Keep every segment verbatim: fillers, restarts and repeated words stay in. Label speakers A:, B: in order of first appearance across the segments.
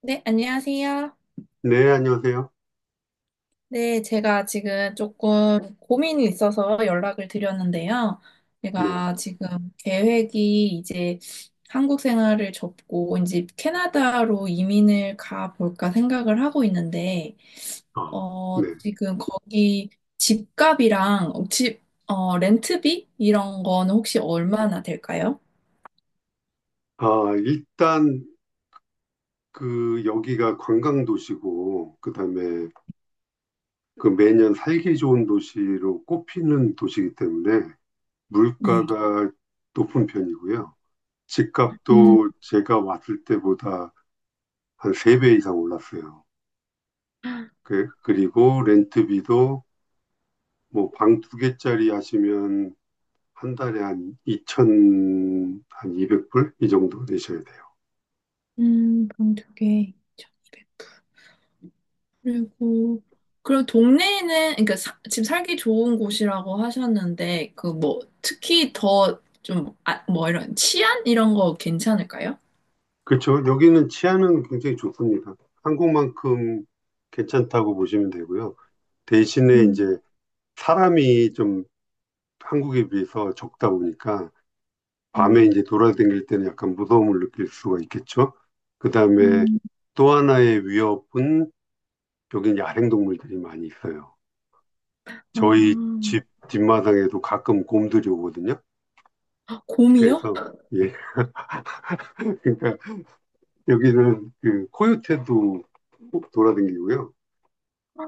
A: 네, 안녕하세요.
B: 네, 안녕하세요.
A: 네, 제가 지금 조금 고민이 있어서 연락을 드렸는데요.
B: 네.
A: 제가 지금 계획이 이제 한국 생활을 접고 이제 캐나다로 이민을 가볼까 생각을 하고 있는데,
B: 아,
A: 어,
B: 네.
A: 지금 거기 집값이랑 집, 어, 렌트비? 이런 거는 혹시 얼마나 될까요?
B: 아, 일단 그 여기가 관광 도시고 그다음에 그 매년 살기 좋은 도시로 꼽히는 도시이기 때문에
A: 네.
B: 물가가 높은 편이고요.
A: 음.
B: 집값도 제가 왔을 때보다 한 세 배 이상 올랐어요. 그, 그리고 렌트비도 뭐 방 두 개짜리 하시면 한 달에 한 이천, 한 이백 불 이 정도 내셔야 돼요.
A: 음, 그럼 두 개. 그리고 그럼 동네에는 그러니까 사- 집 살기 좋은 곳이라고 하셨는데 그 뭐 특히 더 좀 아, 뭐 이런 치안 이런 거 괜찮을까요?
B: 그렇죠. 여기는 치안은 굉장히 좋습니다. 한국만큼 괜찮다고 보시면 되고요. 대신에
A: 음.
B: 이제 사람이 좀 한국에 비해서 적다 보니까
A: 음.
B: 밤에 이제 돌아다닐 때는 약간 무서움을 느낄 수가 있겠죠. 그다음에
A: 음.
B: 또 하나의 위협은 여기는 야생동물들이 많이 있어요.
A: 아,
B: 저희 집 뒷마당에도 가끔 곰들이 오거든요.
A: 아, 곰이요?
B: 그래서 예, 그러니까 여기는 그 코요테도 돌아다니고요.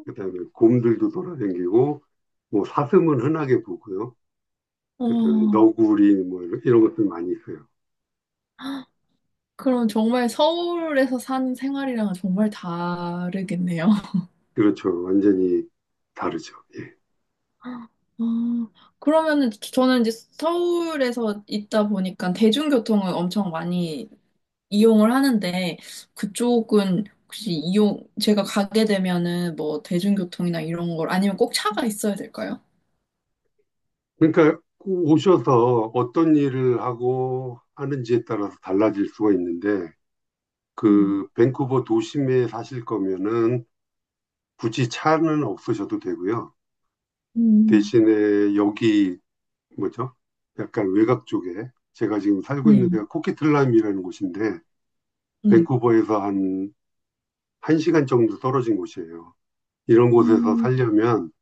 B: 그다음에 곰들도 돌아다니고 뭐 사슴은 흔하게 보고요.
A: 와.
B: 그다음에 너구리 뭐 이런, 이런 것들 많이 있어요.
A: 그럼 정말 서울에서 사는 생활이랑은 정말 다르겠네요.
B: 그렇죠. 완전히 다르죠. 예.
A: 아, 그러면은 저는 이제 서울에서 있다 보니까 대중교통을 엄청 많이 이용을 하는데 그쪽은 혹시 이용 제가 가게 되면은 뭐 대중교통이나 이런 걸 아니면 꼭 차가 있어야 될까요?
B: 그러니까 오셔서 어떤 일을 하고 하는지에 따라서 달라질 수가 있는데
A: 음.
B: 그 밴쿠버 도심에 사실 거면은 굳이 차는 없으셔도 되고요.
A: 음.
B: 대신에 여기 뭐죠? 약간 외곽 쪽에 제가 지금 살고 있는 데가
A: 음.
B: 코키틀람이라는 곳인데
A: 네.
B: 밴쿠버에서 한 한 시간 정도 떨어진 곳이에요. 이런 곳에서
A: 음.
B: 살려면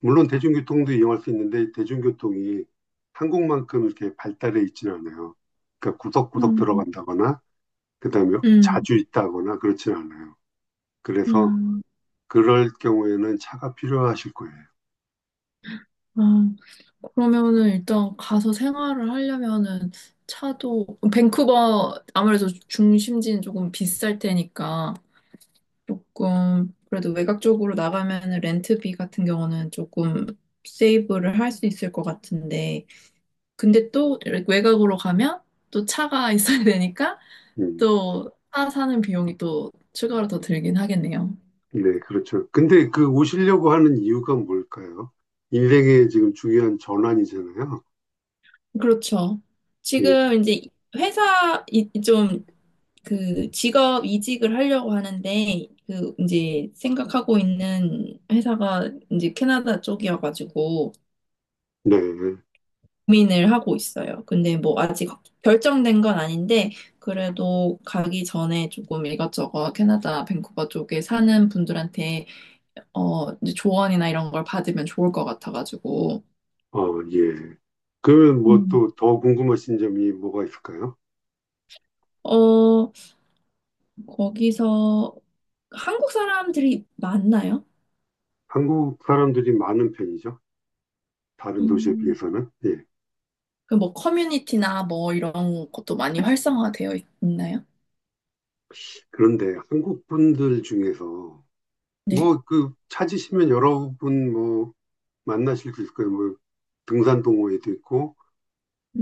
B: 물론 대중교통도 이용할 수 있는데 대중교통이 한국만큼 이렇게 발달해 있지는 않아요. 그러니까 구석구석
A: 음.
B: 들어간다거나 그다음에 자주 있다거나 그렇진 않아요. 그래서
A: 음.
B: 그럴 경우에는 차가 필요하실 거예요.
A: 음. 아, 그러면은 일단 가서 생활을 하려면은 차도 밴쿠버 아무래도 중심지는 조금 비쌀 테니까 조금 그래도 외곽 쪽으로 나가면은 렌트비 같은 경우는 조금 세이브를 할 수 있을 것 같은데 근데 또 외곽으로 가면 또 차가 있어야 되니까
B: 음,
A: 또 차 사는 비용이 또 추가로 더 들긴 하겠네요.
B: 네, 그렇죠. 근데 그 오시려고 하는 이유가 뭘까요? 인생의 지금 중요한 전환이잖아요.
A: 그렇죠.
B: 예,
A: 지금 이제 회사 이, 좀 그 직업 이직을 하려고 하는데 그 이제 생각하고 있는 회사가 이제 캐나다 쪽이어가지고
B: 네,
A: 고민을 하고 있어요. 근데 뭐 아직 결정된 건 아닌데 그래도 가기 전에 조금 이것저것 캐나다 밴쿠버 쪽에 사는 분들한테 어, 이제 조언이나 이런 걸 받으면 좋을 것 같아가지고.
B: 어, 예. 그러면 뭐
A: 음.
B: 또 더 궁금하신 점이 뭐가 있을까요?
A: 어, 거기서 한국 사람들이 많나요?
B: 한국 사람들이 많은 편이죠. 다른 도시에
A: 음.
B: 비해서는. 예.
A: 그 뭐 커뮤니티나 뭐 이런 것도 많이 활성화되어 있- 있나요?
B: 그런데 한국 분들 중에서
A: 네.
B: 뭐 그 찾으시면 여러분 뭐 만나실 수 있을 거예요. 뭐 등산 동호회도 있고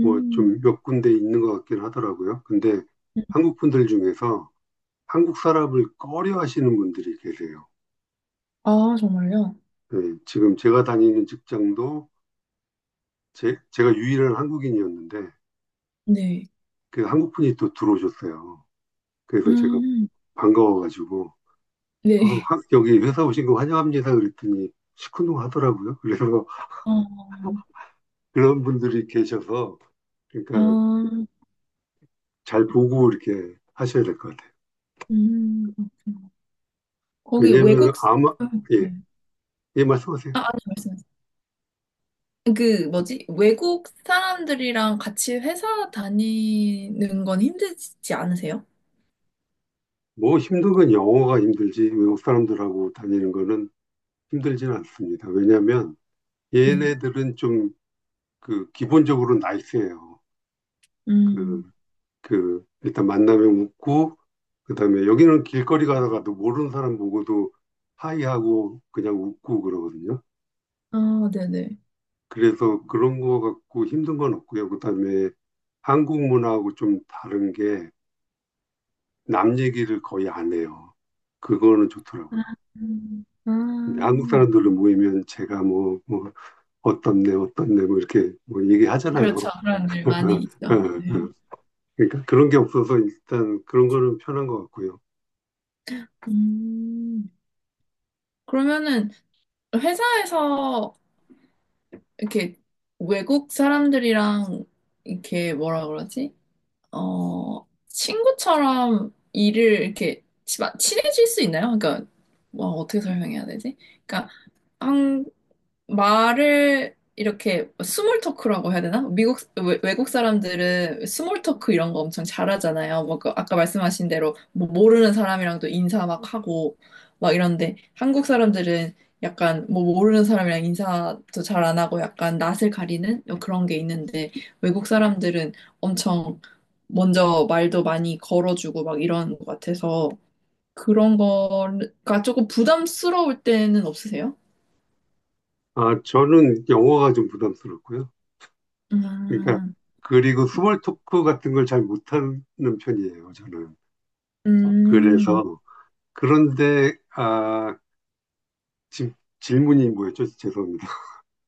B: 뭐 좀 몇 군데 있는 것 같긴 하더라고요. 근데 한국 분들 중에서 한국 사람을 꺼려 하시는 분들이 계세요.
A: 아, 정말요?
B: 예, 지금 제가 다니는 직장도 제, 제가 유일한 한국인이었는데
A: 네.
B: 그 한국 분이 또 들어오셨어요. 그래서 제가
A: 음,
B: 반가워가지고 어,
A: 네.
B: 화- 여기 회사 오신 거 환영합니다. 그랬더니 시큰둥 하더라고요. 그래서
A: 어,
B: 그런 분들이 계셔서, 그러니까
A: 아,
B: 잘 보고 이렇게 하셔야 될 것 같아요.
A: 음, 그렇구나. 거기
B: 왜냐면
A: 외국, 사-
B: 아마,
A: 음. 네.
B: 예, 예, 말씀하세요.
A: 아, 아니, 말씀하세요. 그 뭐지? 외국 사람들이랑 같이 회사 다니는 건 힘들지 않으세요?
B: 뭐 힘든 건 영어가 힘들지, 외국 사람들하고 다니는 거는 힘들지는 않습니다. 왜냐면
A: 네.
B: 얘네들은 좀 그 기본적으로 나이스해요. 그,
A: 음.
B: 그, 일단 만나면 웃고, 그다음에 여기는 길거리 가다가도 모르는 사람 보고도 하이하고 그냥 웃고 그러거든요.
A: 아, 네네.
B: 그래서 그런 거 갖고 힘든 건 없고요. 그다음에 한국 문화하고 좀 다른 게 남 얘기를 거의 안 해요. 그거는
A: 아,
B: 좋더라고요.
A: 음.
B: 근데
A: 아.
B: 한국 사람들로 모이면 제가 뭐, 뭐 어떻네 어떻네 뭐 이렇게 뭐
A: 그렇죠.
B: 얘기하잖아요.
A: 그런 일 많이
B: 어,
A: 있죠.
B: 어.
A: 네.
B: 그러니까 그런 게 없어서 일단 그런 거는 편한 것 같고요.
A: 음. 그러면은 회사에서 이렇게 외국 사람들이랑 이렇게 뭐라 그러지? 어, 친구처럼 일을 이렇게 치- 친해질 수 있나요? 그러니까 뭐 어떻게 설명해야 되지? 그러니까 한국... 말을 이렇게 스몰 토크라고 해야 되나? 미국 외- 외국 사람들은 스몰 토크 이런 거 엄청 잘하잖아요. 뭐그 아까 말씀하신 대로 뭐 모르는 사람이랑도 인사 막 하고 막 이런데 한국 사람들은 약간 뭐 모르는 사람이랑 인사도 잘 안 하고 약간 낯을 가리는 그런 게 있는데 외국 사람들은 엄청 먼저 말도 많이 걸어주고 막 이런 것 같아서 그런 거가 조금 부담스러울 때는 없으세요?
B: 아 저는 영어가 좀 부담스럽고요. 그러니까
A: 음.
B: 그리고 스몰 토크 같은 걸 잘 못하는 편이에요. 저는
A: 음.
B: 그래서 그런데 아 지금 질문이 뭐였죠? 죄송합니다.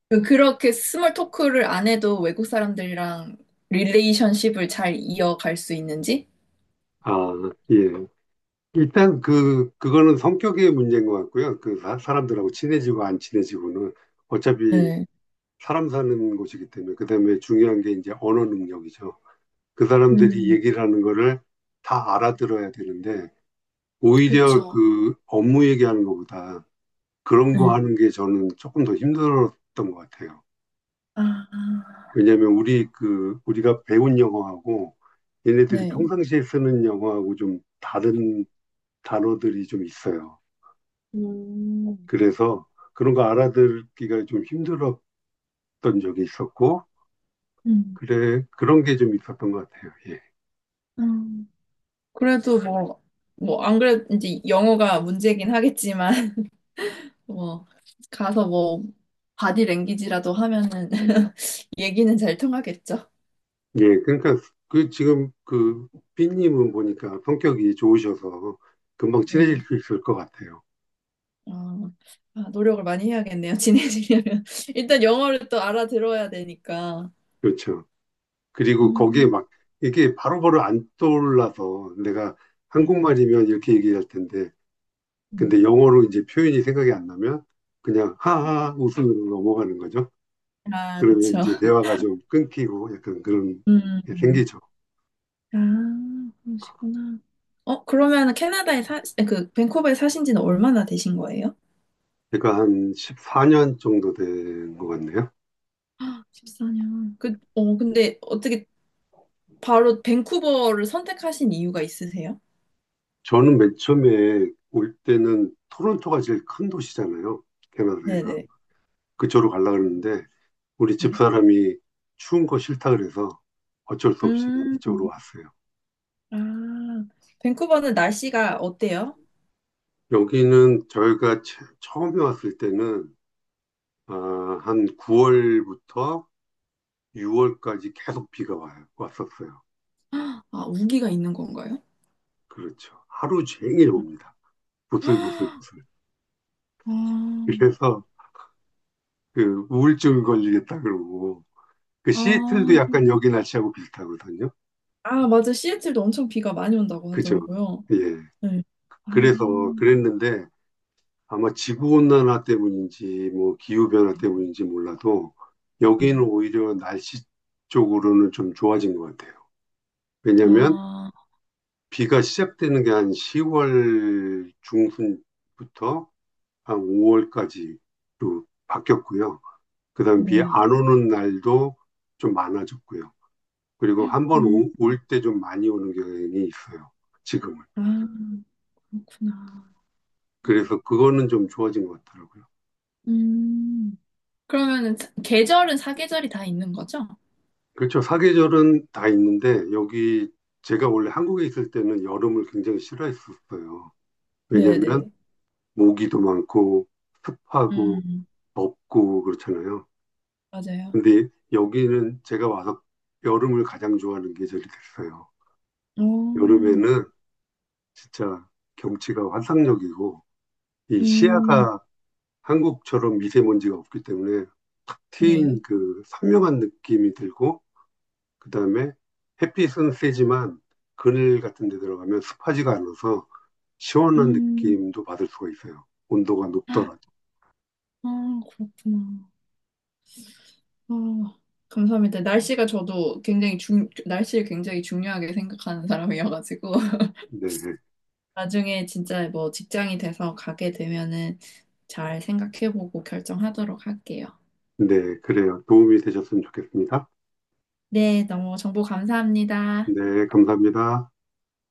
A: 그- 그렇게 스몰 토크를 안 해도 외국 사람들이랑 릴레이션십을 잘 이어갈 수 있는지?
B: 아, 예. 일단 그, 그거는 성격의 문제인 것 같고요. 그 사, 사람들하고 친해지고 안 친해지고는 어차피
A: 네.
B: 사람 사는 곳이기 때문에 그다음에 중요한 게 이제 언어 능력이죠. 그 사람들이
A: 음,
B: 얘기를 하는 거를 다 알아들어야 되는데 오히려
A: 그쵸.
B: 그 업무 얘기하는 것보다 그런 거
A: 네.
B: 하는 게 저는 조금 더 힘들었던 것 같아요.
A: 아,
B: 왜냐하면 우리 그 우리가 배운 영어하고 얘네들이
A: 네.
B: 평상시에 쓰는 영어하고 좀 다른 단어들이 좀 있어요.
A: 음.
B: 그래서 그런 거 알아듣기가 좀 힘들었던 적이 있었고
A: 음.
B: 그래 그런 게 좀 있었던 것 같아요. 예.
A: 음. 그래도 뭐, 뭐, 안 그래도 이제 영어가 문제긴 하겠지만, 뭐, 가서 뭐, 바디 랭귀지라도 하면은 얘기는 잘 통하겠죠.
B: 예, 그러니까 그 지금 그 삐님은 보니까 성격이 좋으셔서 금방
A: 네.
B: 친해질 수 있을 것 같아요.
A: 아, 아, 노력을 많이 해야겠네요. 친해지려면. 일단 영어를 또 알아들어야 되니까.
B: 그렇죠. 그리고 거기에
A: 음,
B: 막 이게 바로바로 안 떠올라서 내가
A: 네.
B: 한국말이면 이렇게 얘기할 텐데
A: 음.
B: 근데 영어로 이제 표현이 생각이 안 나면 그냥 하하 웃음으로 넘어가는 거죠.
A: 아,
B: 그러면
A: 그쵸.
B: 이제 대화가 좀 끊기고 약간 그런 게
A: 음.
B: 생기죠.
A: 아, 그러시구나. 어, 그러면 캐나다에 사, 그, 밴쿠버에 사신 지는 얼마나 되신 거예요?
B: 제가 한 십사 년 정도 된 것 같네요.
A: 십사 년. 그, 어, 근데 어떻게 바로 밴쿠버를 선택하신 이유가 있으세요?
B: 저는 맨 처음에 올 때는 토론토가 제일 큰 도시잖아요. 캐나다에서.
A: 네네.
B: 그쪽으로 가려고 했는데 우리
A: 네.
B: 집사람이 추운 거 싫다 그래서 어쩔 수 없이
A: 음,
B: 이쪽으로 왔어요.
A: 아, 밴쿠버는 날씨가 어때요?
B: 여기는 저희가 처- 처음에 왔을 때는 아, 한 구월부터 유월까지 계속 비가 와요. 왔었어요.
A: 아, 우기가 있는 건가요?
B: 그렇죠. 하루 종일 옵니다. 부슬부슬부슬.
A: 아,
B: 그래서 그 우울증 걸리겠다 그러고 그 시애틀도
A: 아,
B: 약간 여기 날씨하고 비슷하거든요.
A: 아, 맞아. 시애틀도 엄청 비가 많이 온다고
B: 그죠?
A: 하더라고요.
B: 예.
A: 네. 아,
B: 그래서 그랬는데 아마 지구 온난화 때문인지 뭐 기후 변화 때문인지 몰라도
A: 네.
B: 여기는 오히려 날씨 쪽으로는 좀 좋아진 것 같아요. 왜냐하면
A: 아,
B: 비가 시작되는 게 한 시월 중순부터 한 오월까지로 바뀌었고요. 그 다음 비
A: 네.
B: 안 오는 날도 좀 많아졌고요. 그리고 한번
A: 음,
B: 올 때 좀 많이 오는 경향이 있어요. 지금은.
A: 아, 그렇구나.
B: 그래서 그거는 좀 좋아진 것 같더라고요.
A: 음, 그러면은 사- 계절은 사계절이 다 있는 거죠?
B: 그렇죠. 사계절은 다 있는데 여기 제가 원래 한국에 있을 때는 여름을 굉장히 싫어했었어요. 왜냐면
A: 네네.
B: 모기도 많고 습하고
A: 음,
B: 덥고 그렇잖아요.
A: 맞아요.
B: 근데 여기는 제가 와서 여름을 가장 좋아하는 계절이 됐어요.
A: 오,
B: 여름에는 진짜 경치가 환상적이고 이
A: 음,
B: 시야가 한국처럼 미세먼지가 없기 때문에 탁
A: 네.
B: 트인 그 선명한 느낌이 들고 그다음에 햇빛은 세지만 그늘 같은 데 들어가면 습하지가 않아서 시원한
A: 음,
B: 느낌도 받을 수가 있어요. 온도가
A: 아,
B: 높더라도.
A: 그렇구나. 아, 감사합니다. 날씨가 저도 굉장히 중, 날씨를 굉장히 중요하게 생각하는 사람이어가지고.
B: 네.
A: 나중에 진짜 뭐 직장이 돼서 가게 되면은 잘 생각해보고 결정하도록 할게요.
B: 네, 그래요. 도움이 되셨으면 좋겠습니다.
A: 네, 너무 정보 감사합니다.
B: 네, 감사합니다.